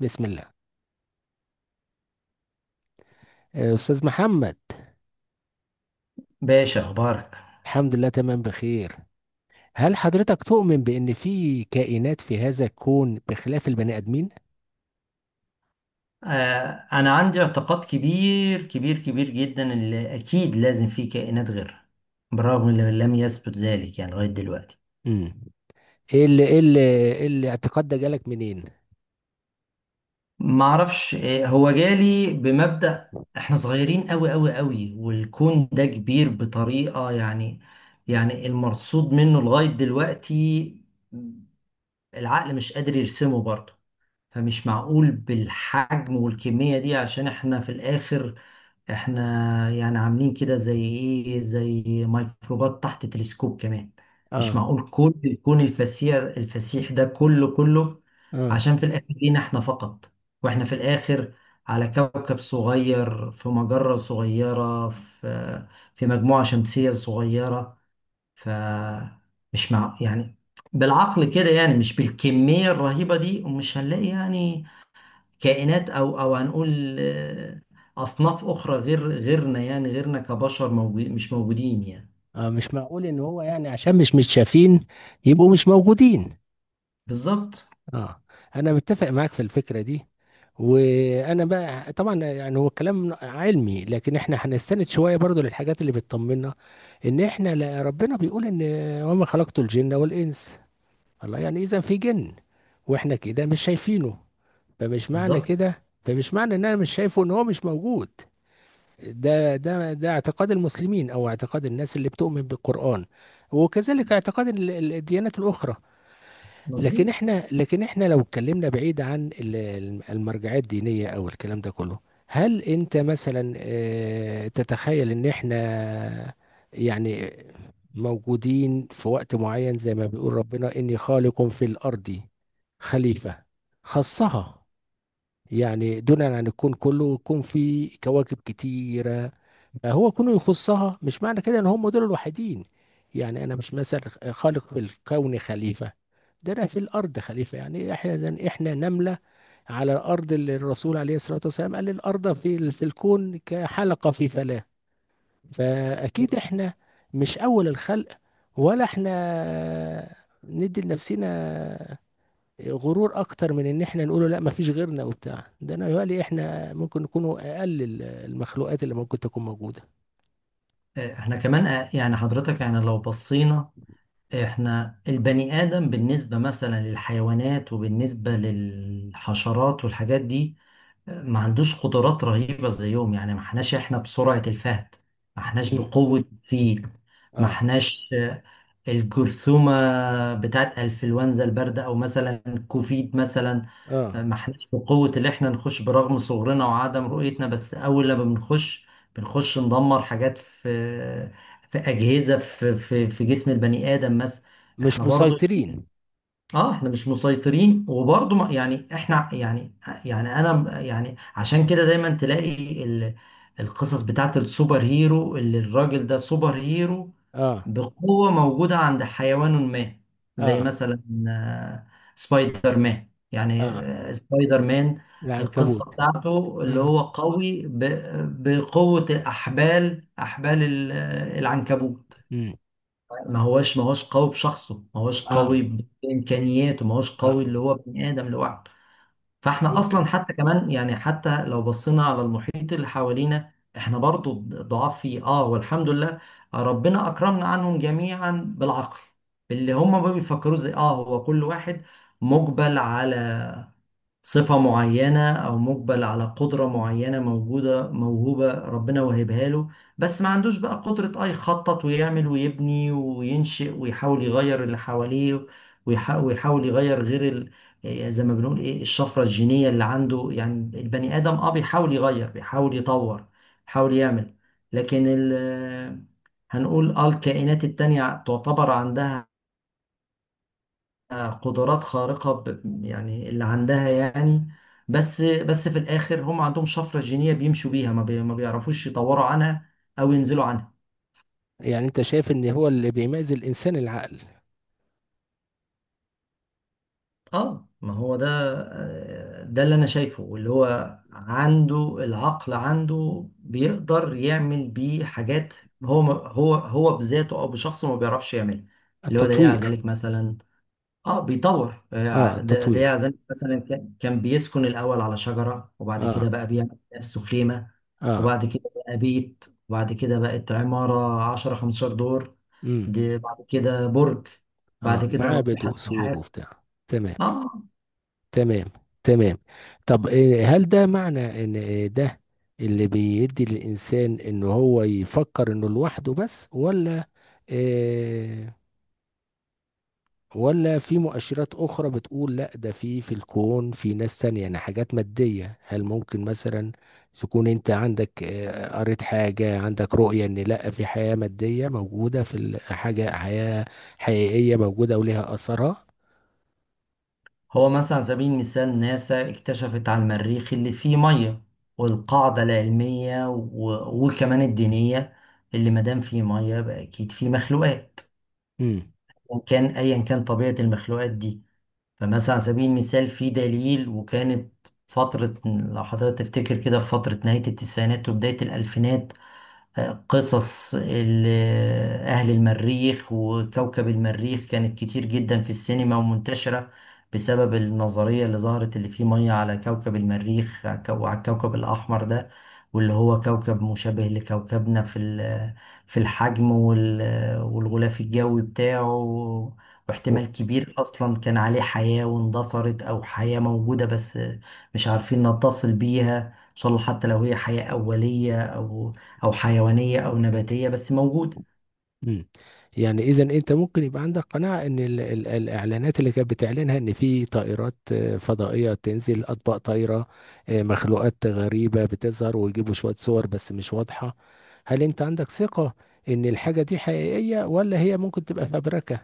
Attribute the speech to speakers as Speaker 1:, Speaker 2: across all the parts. Speaker 1: بسم الله. آه، أستاذ محمد.
Speaker 2: باشا، اخبارك؟
Speaker 1: الحمد لله، تمام، بخير. هل حضرتك تؤمن بأن في كائنات في هذا الكون بخلاف البني آدمين؟
Speaker 2: انا عندي اعتقاد كبير كبير كبير جدا اللي اكيد لازم فيه كائنات غيرها، بالرغم من لم يثبت ذلك يعني لغايه دلوقتي.
Speaker 1: امم ايه اللي ايه اللي إيه الاعتقاد ده جالك منين؟
Speaker 2: ما اعرفش. هو جالي بمبدأ احنا صغيرين قوي قوي قوي، والكون ده كبير بطريقه، يعني المرصود منه لغايه دلوقتي العقل مش قادر يرسمه برضه. فمش معقول بالحجم والكمية دي عشان احنا في الآخر احنا يعني عاملين كده زي ايه، زي ميكروبات تحت تلسكوب كمان. مش
Speaker 1: اه،
Speaker 2: معقول كل الكون الفسيح الفسيح ده كله كله
Speaker 1: اه،
Speaker 2: عشان في الآخر لينا احنا فقط، واحنا في الآخر على كوكب صغير في مجرة صغيرة في مجموعة شمسية صغيرة. ف، مش مع، يعني بالعقل كده، يعني مش بالكمية الرهيبة دي، ومش هنلاقي يعني كائنات، أو هنقول أصناف أخرى غير غيرنا، يعني غيرنا كبشر موجود، مش موجودين يعني.
Speaker 1: اه، مش معقول ان هو يعني عشان مش متشافين، يبقوا مش موجودين.
Speaker 2: بالظبط.
Speaker 1: اه، انا متفق معاك في الفكره دي. وانا بقى طبعا، يعني هو كلام علمي، لكن احنا هنستند شويه برضو للحاجات اللي بتطمنا، ان احنا ربنا بيقول ان: وما خلقت الجن والانس. الله، يعني اذا في جن واحنا كده مش شايفينه،
Speaker 2: بالظبط.
Speaker 1: فمش معنى ان انا مش شايفه ان هو مش موجود. ده اعتقاد المسلمين، او اعتقاد الناس اللي بتؤمن بالقرآن، وكذلك اعتقاد الديانات الاخرى. لكن
Speaker 2: مظبوط.
Speaker 1: احنا لكن احنا لو اتكلمنا بعيد عن المرجعيه الدينيه او الكلام ده كله، هل انت مثلا تتخيل ان احنا، يعني، موجودين في وقت معين، زي ما بيقول ربنا اني خالق في الارض خليفه، خصها. يعني دونا عن الكون كله. الكون فيه كواكب كتيرة، فهو كونه يخصها مش معنى كده ان هم دول الوحيدين. يعني انا مش مثلا خالق في الكون خليفة، ده انا في الارض خليفة، يعني احنا زن احنا نملة على الارض، اللي الرسول عليه الصلاة والسلام قال الارض في الكون كحلقة في فلاة. فاكيد
Speaker 2: بص،
Speaker 1: احنا مش اول الخلق، ولا احنا ندي لنفسنا غرور اكتر من ان احنا نقوله لا مفيش غيرنا وبتاع ده، انا يقولي احنا ممكن نكونوا اقل المخلوقات اللي ممكن تكون موجوده.
Speaker 2: احنا كمان يعني حضرتك، يعني لو بصينا احنا البني آدم بالنسبة مثلا للحيوانات وبالنسبة للحشرات والحاجات دي، ما عندوش قدرات رهيبة زيهم. يعني ما احناش بسرعة الفهد، ما احناش
Speaker 1: امم
Speaker 2: بقوة الفيل، ما
Speaker 1: اه،
Speaker 2: احناش، الجرثومة بتاعت انفلونزا الباردة او مثلا كوفيد مثلا.
Speaker 1: اه،
Speaker 2: ما احناش بقوة اللي احنا نخش برغم صغرنا وعدم رؤيتنا، بس اول لما بنخش ندمر حاجات في أجهزة في جسم البني آدم مثلا.
Speaker 1: مش
Speaker 2: احنا برضو،
Speaker 1: مسيطرين.
Speaker 2: اه احنا مش مسيطرين. وبرضه يعني احنا، يعني انا، يعني عشان كده دايما تلاقي القصص بتاعت السوبر هيرو، اللي الراجل ده سوبر هيرو
Speaker 1: اه،
Speaker 2: بقوة موجودة عند حيوان ما، زي
Speaker 1: اه،
Speaker 2: مثلا آه، سبايدر مان. يعني
Speaker 1: اه،
Speaker 2: سبايدر مان، القصة
Speaker 1: العنكبوت.
Speaker 2: بتاعته اللي
Speaker 1: اه.
Speaker 2: هو قوي بقوة الأحبال، أحبال العنكبوت.
Speaker 1: امم
Speaker 2: ما هوش قوي بشخصه، ما هوش
Speaker 1: اه،
Speaker 2: قوي بامكانياته، ما هوش
Speaker 1: اه،
Speaker 2: قوي اللي هو ابن ادم لوحده. فاحنا اصلا
Speaker 1: يعني
Speaker 2: حتى كمان، يعني حتى لو بصينا على المحيط اللي حوالينا احنا برضو ضعاف فيه. اه، والحمد لله ربنا اكرمنا عنهم جميعا بالعقل، اللي هم ما بيفكروا زي اه. هو كل واحد مقبل على صفة معينة أو مقبل على قدرة معينة موجودة موهوبة ربنا وهبها له، بس ما عندوش بقى قدرة أي يخطط ويعمل ويبني وينشئ ويحاول يغير اللي حواليه، ويحاول يغير غير ال... يعني زي ما بنقول إيه الشفرة الجينية اللي عنده. يعني البني آدم أه بيحاول يغير، بيحاول يطور، بيحاول يعمل. لكن ال... هنقول آه الكائنات التانية تعتبر عندها قدرات خارقة، يعني اللي عندها يعني. بس في الآخر هم عندهم شفرة جينية بيمشوا بيها، ما بيعرفوش يطوروا عنها أو ينزلوا عنها.
Speaker 1: يعني انت شايف ان هو اللي بيميز الانسان العقل؟
Speaker 2: اه، ما هو ده. ده اللي أنا شايفه، اللي هو عنده العقل، عنده بيقدر يعمل بيه حاجات. هو هو بذاته أو بشخصه ما بيعرفش يعملها. اللي هو دليل على
Speaker 1: التطوير.
Speaker 2: ذلك مثلا، اه بيطور.
Speaker 1: اه،
Speaker 2: ده
Speaker 1: التطوير.
Speaker 2: يعني مثلا كان بيسكن الاول على شجره، وبعد كده
Speaker 1: اه.
Speaker 2: بقى بيعمل نفسه خيمه،
Speaker 1: اه.
Speaker 2: وبعد كده بقى بيت، وبعد كده بقت عماره 10 15 دور،
Speaker 1: امم
Speaker 2: دي بعد كده برج،
Speaker 1: اه،
Speaker 2: بعد كده
Speaker 1: معاه
Speaker 2: ناطحه
Speaker 1: بدو سور
Speaker 2: سحاب.
Speaker 1: وبتاع، تمام.
Speaker 2: اه،
Speaker 1: تمام. تمام. طب هل ده معنى ان إيه ده اللي بيدي للانسان ان هو يفكر انه لوحده بس، ولا إيه، ولا في مؤشرات اخرى بتقول لا، ده في في الكون في ناس تانية، يعني حاجات مادية؟ هل ممكن مثلا تكون انت عندك إيه، قريت حاجة، عندك رؤية ان لا، في حياة مادية موجودة في حاجة، حياة حقيقية موجودة وليها اثرها؟
Speaker 2: هو مثلا على سبيل المثال ناسا اكتشفت على المريخ اللي فيه ميه، والقاعده العلميه و... وكمان الدينيه، اللي ما دام فيه ميه يبقى اكيد فيه مخلوقات،
Speaker 1: امم
Speaker 2: وكان ايا كان طبيعه المخلوقات دي. فمثلا على سبيل المثال في دليل. وكانت فترة، لو حضرتك تفتكر كده، في فترة نهاية التسعينات وبداية الألفينات قصص أهل المريخ وكوكب المريخ كانت كتير جدا في السينما ومنتشرة، بسبب النظرية اللي ظهرت اللي فيه مية على كوكب المريخ وعلى الكوكب الأحمر ده، واللي هو كوكب مشابه لكوكبنا في في الحجم والغلاف الجوي بتاعه، واحتمال كبير أصلا كان عليه حياة واندثرت أو حياة موجودة بس مش عارفين نتصل بيها، إن شاء الله، حتى لو هي حياة أولية أو او حيوانيه او نباتيه، بس موجوده.
Speaker 1: مم. يعني اذا انت ممكن يبقى عندك قناعه ان ال ال الاعلانات اللي كانت بتعلنها ان في طائرات فضائيه تنزل، اطباق طايره، مخلوقات غريبه بتظهر، ويجيبوا شويه صور بس مش واضحه، هل انت عندك ثقه ان الحاجه دي حقيقيه ولا هي ممكن تبقى فبركه؟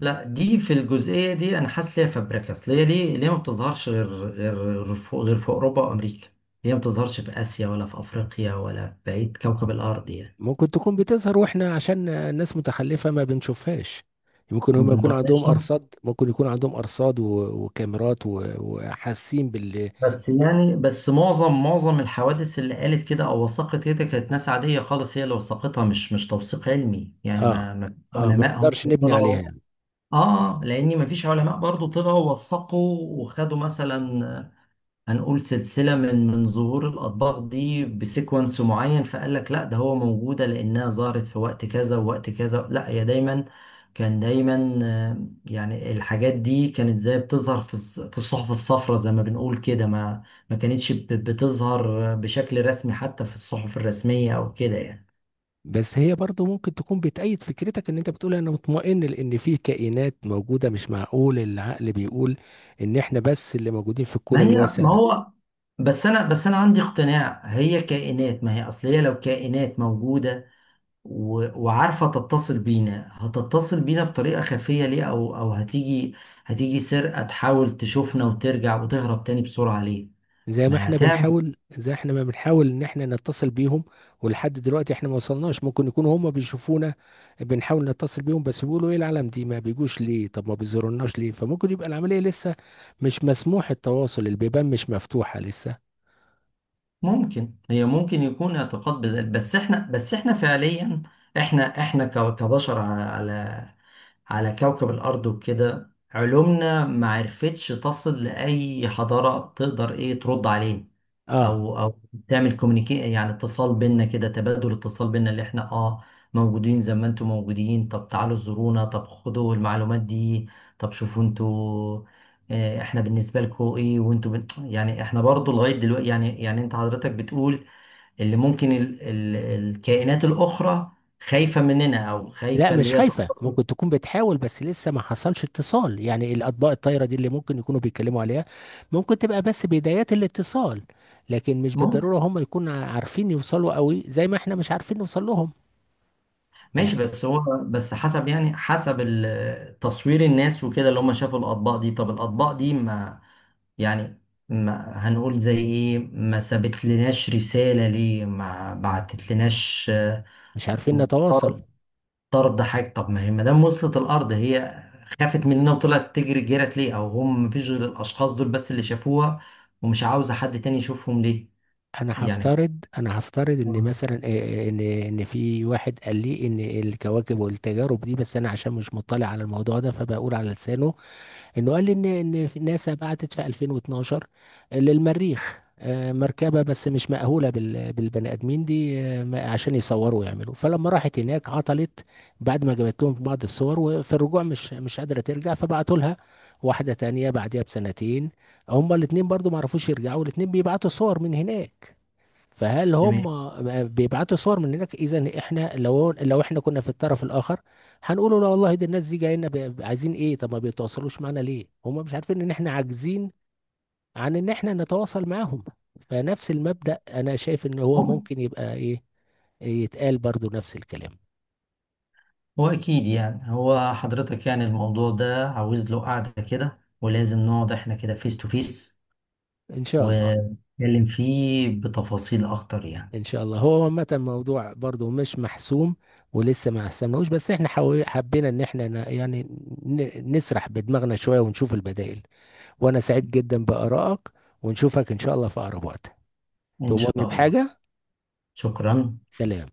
Speaker 2: لا، دي في الجزئيه دي انا حاسس ليها فابريكاس. ليه ليه ليه ما بتظهرش غير غير في اوروبا وامريكا؟ ليه ما بتظهرش في اسيا، ولا في افريقيا، ولا في بقيه كوكب الارض يعني؟
Speaker 1: ممكن تكون بتظهر واحنا عشان الناس متخلفه ما بنشوفهاش. ممكن هم يكون عندهم
Speaker 2: بنطلعها.
Speaker 1: ارصاد، ممكن يكون عندهم ارصاد وكاميرات وحاسين بال...
Speaker 2: بس يعني، معظم الحوادث اللي قالت كده او وثقت كده كانت ناس عاديه خالص هي اللي وثقتها، مش توثيق علمي. يعني
Speaker 1: اه،
Speaker 2: ما فيش
Speaker 1: اه، ما
Speaker 2: علماء هم
Speaker 1: نقدرش نبني عليها
Speaker 2: طلعوا.
Speaker 1: يعني.
Speaker 2: اه، لان ما فيش علماء برضو طلعوا وثقوا وخدوا مثلا، هنقول سلسلة من ظهور الأطباق دي بسيكونس معين، فقال لك لا ده هو موجودة لأنها ظهرت في وقت كذا ووقت كذا. لا، هي دايما، كان دايما يعني الحاجات دي كانت زي بتظهر في في الصحف الصفراء زي ما بنقول كده، ما ما كانتش بتظهر بشكل رسمي حتى في الصحف الرسمية أو كده يعني.
Speaker 1: بس هي برضو ممكن تكون بتأيد فكرتك، ان انت بتقول انا مطمئن لان في كائنات موجودة، مش معقول العقل بيقول ان احنا بس اللي موجودين في
Speaker 2: ما
Speaker 1: الكون
Speaker 2: هي،
Speaker 1: الواسع
Speaker 2: ما
Speaker 1: ده.
Speaker 2: هو، بس أنا، عندي اقتناع هي كائنات. ما هي أصل هي لو كائنات موجودة وعارفة تتصل بينا، هتتصل بينا بطريقة خفية ليه؟ أو هتيجي، سرقة تحاول تشوفنا وترجع وتهرب تاني بسرعة ليه؟ ما هتعمل.
Speaker 1: زي احنا ما بنحاول ان احنا نتصل بيهم، ولحد دلوقتي احنا ما وصلناش، ممكن يكونوا هم بيشوفونا، بنحاول نتصل بيهم بس بيقولوا ايه العالم دي ما بيجوش ليه؟ طب ما بيزورناش ليه؟ فممكن يبقى العملية لسه مش مسموح التواصل، البيبان مش مفتوحة لسه.
Speaker 2: ممكن، هي ممكن يكون اعتقاد بذلك. بس احنا، فعليا احنا كبشر على على على كوكب الأرض وكده، علومنا ما عرفتش تصل لأي حضارة تقدر ايه ترد علينا،
Speaker 1: اه،
Speaker 2: او تعمل كوميونيكي، يعني اتصال بينا كده، تبادل اتصال بينا اللي احنا اه موجودين زي ما انتم موجودين، طب تعالوا زورونا، طب خدوا المعلومات دي، طب شوفوا انتوا، احنا بالنسبه لكم ايه، وانتوا بن... يعني احنا برضو لغايه دلوقتي، يعني انت حضرتك بتقول اللي ممكن ال... ال... الكائنات الاخرى خايفه مننا، او
Speaker 1: لا،
Speaker 2: خايفه
Speaker 1: مش
Speaker 2: اللي هي
Speaker 1: خايفة،
Speaker 2: تقتصد.
Speaker 1: ممكن تكون بتحاول بس لسه ما حصلش اتصال، يعني الأطباق الطايرة دي اللي ممكن يكونوا بيتكلموا عليها ممكن تبقى بس بدايات الاتصال، لكن مش
Speaker 2: ممكن.
Speaker 1: بالضرورة هم يكونوا عارفين يوصلوا قوي زي ما احنا مش عارفين نوصل لهم،
Speaker 2: ماشي.
Speaker 1: يعني
Speaker 2: بس هو، بس حسب، يعني تصوير الناس وكده، اللي هم شافوا الاطباق دي، طب الاطباق دي ما يعني، ما هنقول زي ايه، ما سابت لناش رسالة ليه؟ ما بعتت لناش
Speaker 1: مش عارفين نتواصل.
Speaker 2: طرد، طرد حاجة؟ طب ما هي ما دام وصلت الأرض، هي خافت مننا وطلعت تجري، جرت ليه؟ أو هم مفيش غير الأشخاص دول بس اللي شافوها، ومش عاوزة حد تاني يشوفهم ليه؟
Speaker 1: انا
Speaker 2: يعني
Speaker 1: هفترض انا هفترض ان
Speaker 2: آه،
Speaker 1: مثلا ان في واحد قال لي ان الكواكب والتجارب دي، بس انا عشان مش مطلع على الموضوع ده فبقول على لسانه، انه قال لي ان في ناسا بعتت في 2012 للمريخ مركبة، بس مش مأهولة بالبني آدمين دي، عشان يصوروا ويعملوا، فلما راحت هناك عطلت بعد ما جابت لهم بعض الصور، وفي الرجوع مش قادرة ترجع، فبعتوا لها واحدة تانية بعديها بسنتين، هما الاتنين برضو ما عرفوش يرجعوا، الاتنين بيبعتوا صور من هناك، فهل
Speaker 2: تمام.
Speaker 1: هم بيبعتوا صور من هناك؟ اذا احنا لو احنا كنا في الطرف الاخر، هنقول لا والله، دي الناس دي جايين عايزين ايه؟ طب ما بيتواصلوش معانا ليه؟ هم مش عارفين ان احنا عاجزين عن ان احنا نتواصل معاهم، فنفس المبدأ انا شايف ان هو
Speaker 2: ممكن.
Speaker 1: ممكن يبقى ايه، يتقال برضو نفس الكلام.
Speaker 2: هو أكيد يعني، هو حضرتك، يعني الموضوع ده عاوز له قعدة كده، ولازم نقعد احنا كده فيس تو فيس
Speaker 1: ان شاء الله.
Speaker 2: ونتكلم فيه بتفاصيل أكتر يعني.
Speaker 1: ان شاء الله. هو عامه الموضوع برضو مش محسوم، ولسه ما حسمناهوش، بس احنا حبينا ان احنا يعني نسرح بدماغنا شوية ونشوف البدائل، وانا سعيد جدا بآرائك، ونشوفك ان شاء الله في اقرب وقت،
Speaker 2: إن شاء
Speaker 1: تؤمرني
Speaker 2: الله.
Speaker 1: بحاجة،
Speaker 2: شكرا.
Speaker 1: سلام.